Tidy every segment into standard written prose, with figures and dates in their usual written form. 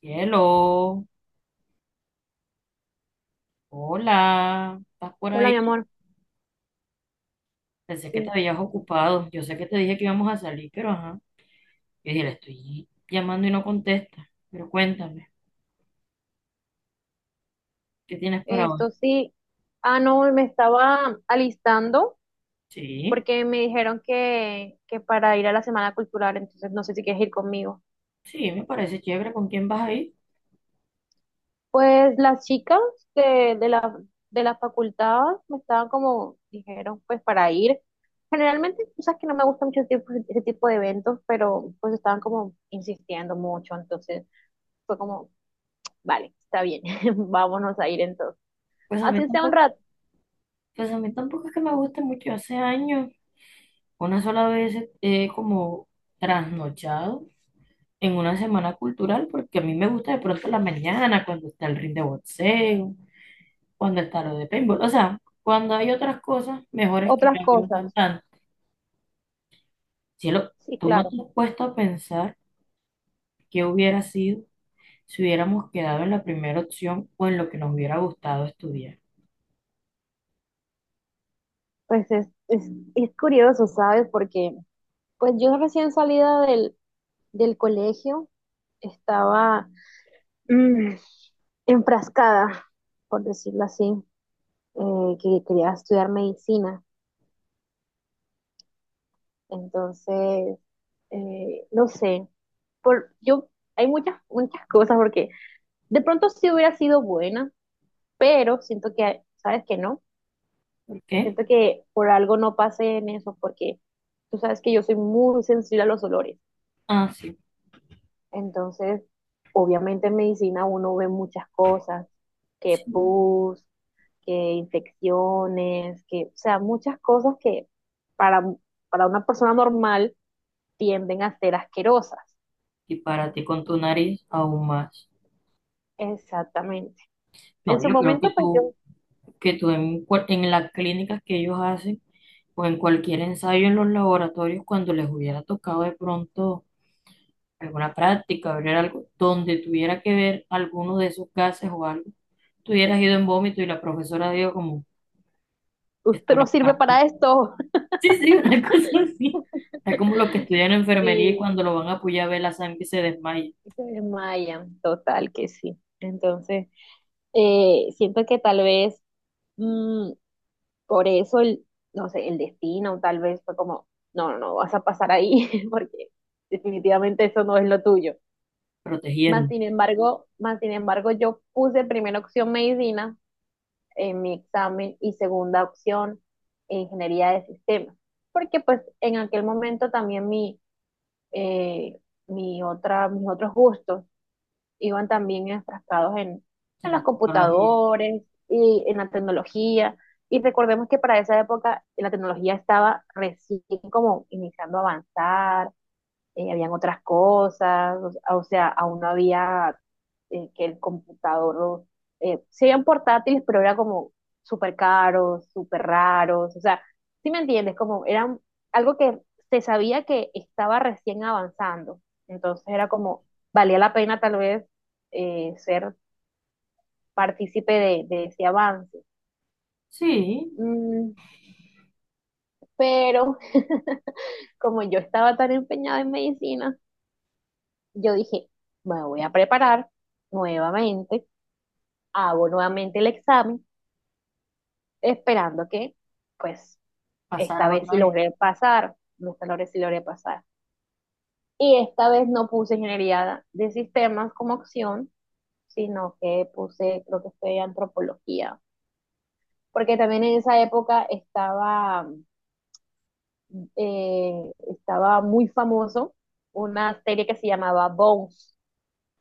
Cielo, hola, ¿estás por Hola, mi ahí? amor. Pensé que te Sí, habías ocupado. Yo sé que te dije que íbamos a salir, pero ajá. Yo dije, le estoy llamando y no contesta. Pero cuéntame, ¿qué tienes para hoy? esto sí. Ah, no, me estaba alistando Sí, porque me dijeron que para ir a la Semana Cultural, entonces no sé si quieres ir conmigo. sí, me parece chévere. ¿Con quién vas a ir? Pues las chicas de, de la, de la facultad me estaban como, dijeron, pues para ir. Generalmente, tú sabes que no me gusta mucho ese tipo de eventos, pero pues estaban como insistiendo mucho, entonces fue como, vale, está bien, vámonos a ir entonces. Pues a mí Así sea un tampoco, rato, pues a mí tampoco es que me guste mucho. Hace años, una sola vez como trasnochado en una semana cultural, porque a mí me gusta de pronto la mañana cuando está el ring de boxeo. O en el tarot de paintball. O sea, cuando hay otras cosas mejores que otras ya que no están cosas. tan. Cielo, Sí, tú no claro. te has puesto a pensar qué hubiera sido si hubiéramos quedado en la primera opción o en lo que nos hubiera gustado estudiar. Pues es curioso, ¿sabes? Porque pues yo recién salida del colegio estaba mm, enfrascada, por decirlo así, que quería estudiar medicina. Entonces, no sé, por, yo, hay muchas cosas porque de pronto sí hubiera sido buena, pero siento que, ¿sabes que no? ¿Por qué? Siento que por algo no pasé en eso porque tú sabes que yo soy muy sensible a los olores. Ah, sí. Entonces, obviamente en medicina uno ve muchas cosas, que Sí. pus, que infecciones, que, o sea, muchas cosas que para, para una persona normal tienden a ser asquerosas. Y para ti con tu nariz aún más. Exactamente. En No, su yo creo que momento, pues tú, yo, que tú en las clínicas que ellos hacen o en cualquier ensayo en los laboratorios, cuando les hubiera tocado de pronto alguna práctica, abrir algo, donde tuviera que ver alguno de esos gases o algo, tú hubieras ido en vómito y la profesora dijo como, usted esto no no es sirve para para ti. esto. Sí, sí, una cosa así. Está como los que estudian Sí, enfermería y cuando lo van a apoyar ve la sangre y se desmaya, se desmayan, total que sí. Entonces, siento que tal vez mm, por eso el, no sé, el destino tal vez fue como, no, no, no, vas a pasar ahí porque definitivamente eso no es lo tuyo. Protegiendo Más sin embargo, yo puse primera opción medicina en mi examen y segunda opción ingeniería de sistemas, porque pues en aquel momento también eh, mis otros gustos iban también enfrascados en en la los tecnología. computadores y en la tecnología. Y recordemos que para esa época la tecnología estaba recién como iniciando a avanzar, habían otras cosas, o sea, aún no había que el computador, o- sí habían portátiles, pero era como súper caros, súper raros, o sea, ¿sí me entiendes? Como era algo que se sabía que estaba recién avanzando, entonces era como, valía la pena tal vez ser partícipe de ese avance. Sí, Mm, pero como yo estaba tan empeñada en medicina, yo dije, me voy a preparar nuevamente, hago nuevamente el examen, esperando que, pues, esta pasarás vez otra sí vez. logré pasar, no esta vez sí logré pasar. Y esta vez no puse ingeniería de sistemas como opción, sino que puse, creo que fue antropología, porque también en esa época estaba, estaba muy famoso una serie que se llamaba Bones,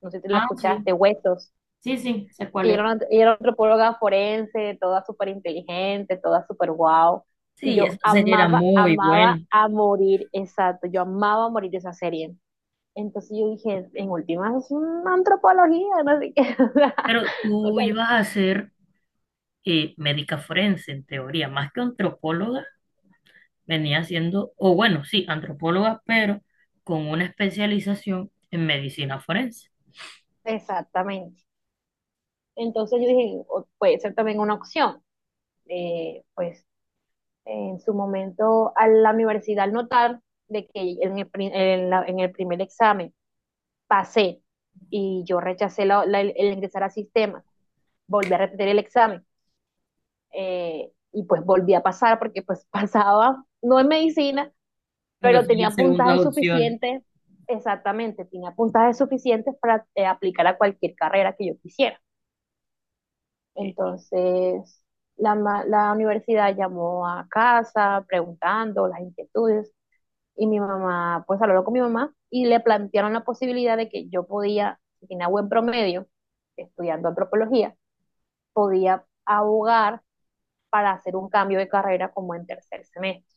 no sé si la Ah, sí, escuchaste, Huesos. sí, sí, sé Que cuál ella es. era, ella era antropóloga forense, toda súper inteligente, toda súper wow. Y Sí, eso yo sería era amaba, muy amaba bueno. a morir, exacto, yo amaba a morir esa serie. Entonces yo dije, en últimas es una antropología, no sé qué. Pero O tú sea, ibas a ser médica forense, en teoría, más que antropóloga, venía siendo, o bueno, sí, antropóloga, pero con una especialización en medicina forense. exactamente. Entonces yo dije, o- puede ser también una opción. Pues en su momento a la universidad al notar de que en el, pri- en la- en el primer examen pasé y yo rechacé el ingresar al sistema, volví a repetir el examen y pues volví a pasar porque pues pasaba, no en medicina, Pero pero sí las tenía segundas puntajes opciones. suficientes, exactamente, tenía puntajes suficientes para aplicar a cualquier carrera que yo quisiera. Eh, Entonces, la universidad llamó a casa preguntando las inquietudes. Y mi mamá, pues habló con mi mamá y le plantearon la posibilidad de que yo podía, si tenía buen promedio, estudiando antropología, podía abogar para hacer un cambio de carrera como en tercer semestre,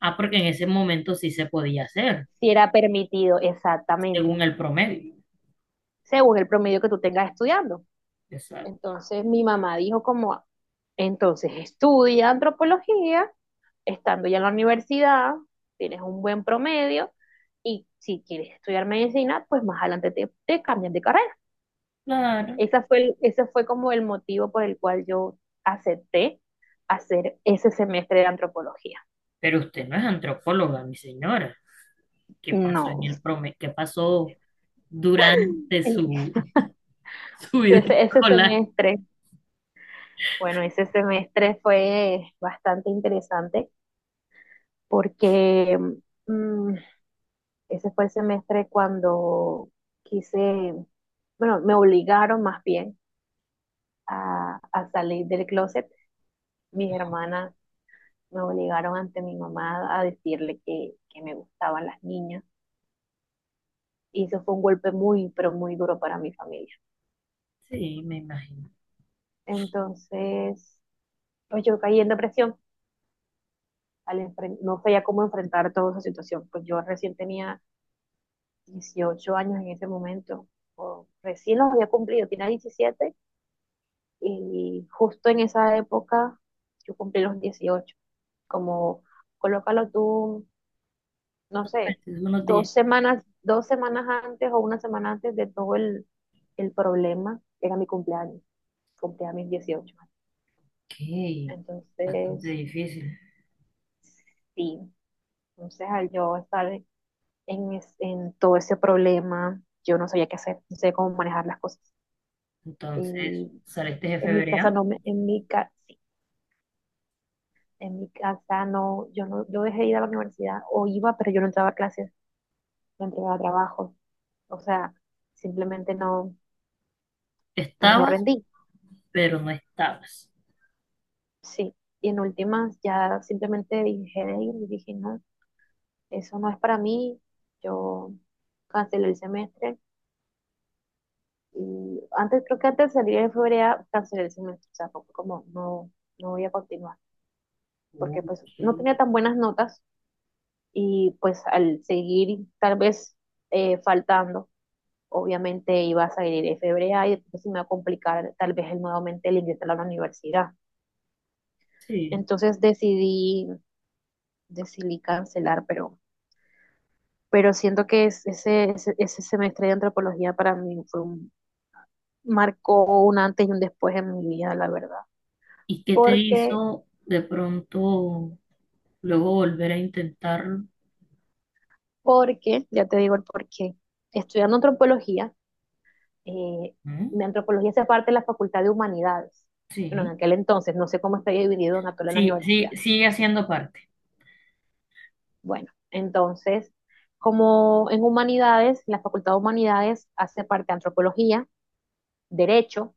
Ah, porque en ese momento sí se podía hacer, si era permitido exactamente, según el promedio. según el promedio que tú tengas estudiando. Exacto. Entonces mi mamá dijo como, entonces estudia antropología, estando ya en la universidad, tienes un buen promedio y si quieres estudiar medicina, pues más adelante te, te cambian de carrera. Claro. Esa fue ese fue como el motivo por el cual yo acepté hacer ese semestre de antropología. Pero usted no es antropóloga, mi señora. ¿Qué pasó en No, el promedio? ¿Qué pasó durante su, su vida ese escolar? semestre, bueno, ese semestre fue bastante interesante porque mm, ese fue el semestre cuando quise, bueno, me obligaron más bien a salir del closet. Mis hermanas me obligaron ante mi mamá a decirle que me gustaban las niñas. Y eso fue un golpe muy, pero muy duro para mi familia. Sí, me imagino. Entonces, pues yo caí en depresión. Al enfren- no sabía cómo enfrentar toda esa situación. Pues yo recién tenía 18 años en ese momento, o recién los había cumplido, tenía 17 y justo en esa época yo cumplí los 18. Como colócalo tú, no sé, Entonces, unos días. 2 semanas antes o 1 semana antes de el problema, era mi cumpleaños, cumplía mis 18. Ok, Entonces, bastante difícil. sí, entonces al yo estar en, es- en todo ese problema, yo no sabía qué hacer, no sabía cómo manejar las cosas. Entonces, Y saliste de en mi casa febrero. no me, en mi casa, sí en mi casa no, yo no, yo dejé de ir a la universidad, o iba, pero yo no entraba a clases, no entregaba trabajo, o sea, simplemente no, pues no Estaba rendí, pero no estabas. sí. Y en últimas ya simplemente dije de ir y dije, no, eso no es para mí, yo cancelé el semestre. Y antes, creo que antes de salir en febrero cancelé el semestre, o sea, fue como no, no voy a continuar, porque pues Ok. no tenía tan buenas notas y pues al seguir tal vez faltando, obviamente iba a salir en febrero y entonces me iba a complicar tal vez el nuevamente el ingresar a la universidad. Sí. Entonces decidí, decidí cancelar, pero siento que ese semestre de antropología para mí fue un, marcó un antes y un después en mi vida, la verdad. ¿Y qué te Porque hizo de pronto luego volver a intentarlo? Porque, ya te digo el porqué, estudiando antropología, eh, ¿Mm? mi antropología hace parte de la Facultad de Humanidades. Bueno, en Sí, aquel entonces, no sé cómo está dividido en actual en la sí, sí, universidad. sigue haciendo parte. Bueno, entonces, como en Humanidades, la Facultad de Humanidades hace parte de Antropología, Derecho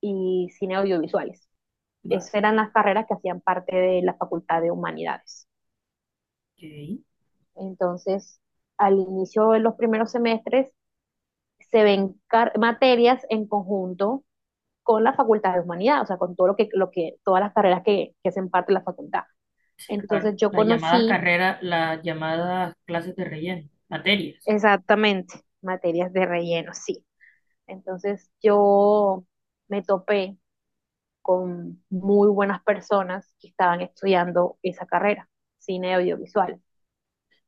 y Cine Audiovisuales. Esas Vale, eran las carreras que hacían parte de la Facultad de Humanidades. ok. Entonces, al inicio de los primeros semestres, se ven materias en conjunto con la Facultad de Humanidad, o sea, con todo lo que, todas las carreras que hacen parte de la facultad. Sí, claro. Entonces yo Las llamadas conocí carreras, las llamadas clases de relleno, materias, exactamente materias de relleno, sí. Entonces yo me topé con muy buenas personas que estaban estudiando esa carrera, cine audiovisual.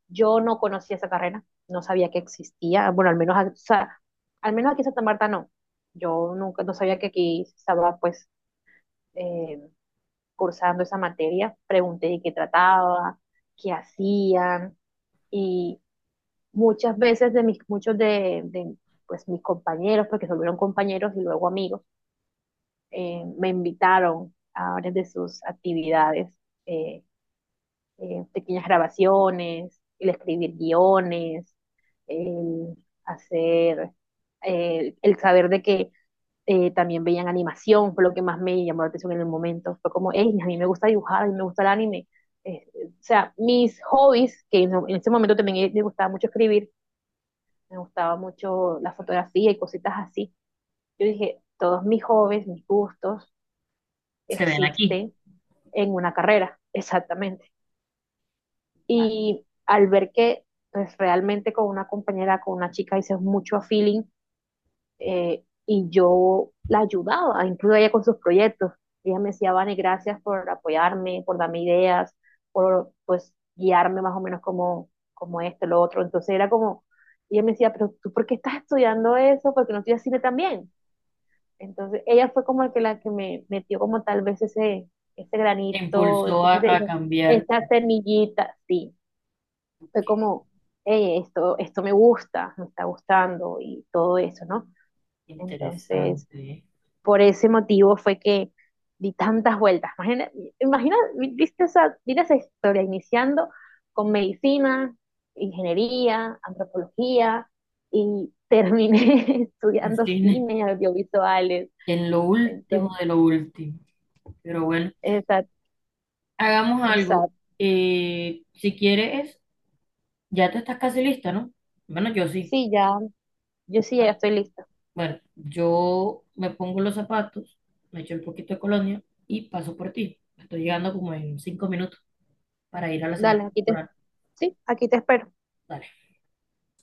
Yo no conocía esa carrera, no sabía que existía, bueno, al menos, o sea, al menos aquí en Santa Marta no. Yo nunca, no sabía que aquí estaba, pues, eh, cursando esa materia, pregunté de qué trataba, qué hacían y muchas veces de mis, pues, mis compañeros, porque se volvieron compañeros y luego amigos, me invitaron a varias de sus actividades, eh, pequeñas grabaciones, el escribir guiones, el hacer, el saber de que también veían animación, fue lo que más me llamó la atención en el momento. Fue como, hey, a mí me gusta dibujar, a mí me gusta el anime. O sea, mis hobbies, que en ese momento también me gustaba mucho escribir, me gustaba mucho la fotografía y cositas así. Yo dije, todos mis hobbies, mis gustos se ven aquí. existen en una carrera, exactamente. Ah, Y al ver que pues realmente con una compañera, con una chica hice mucho a feeling, y yo la ayudaba, incluso ella con sus proyectos. Ella me decía, Vane, gracias por apoyarme, por darme ideas, por pues guiarme más o menos como, como esto, lo otro. Entonces era como, ella me decía, pero tú, ¿por qué estás estudiando eso? ¿Por qué no estudias cine también? Entonces ella fue como la que me metió como tal vez ese, ese te granito, Impulsó a, ese- a cambiar. esa semillita, sí. Fue Ok, como, "Ey, esto me gusta, me está gustando y todo eso, ¿no?" Entonces interesante. ¿Eh? por ese motivo fue que di tantas vueltas. Imagina, imagina viste esa, mira esa historia, iniciando con medicina, ingeniería, antropología, y terminé En estudiando cine, cine, audiovisuales. en lo último Entonces, de lo último. Pero bueno. exacto, Hagamos algo. exacto. Si quieres, ya te estás casi lista, ¿no? Bueno, yo sí. Sí, ya, yo sí, ya Bueno, estoy lista. bueno, yo me pongo los zapatos, me echo un poquito de colonia y paso por ti. Estoy llegando como en 5 minutos para ir a la semana Dale, aquí te, cultural. sí, aquí te espero. Dale.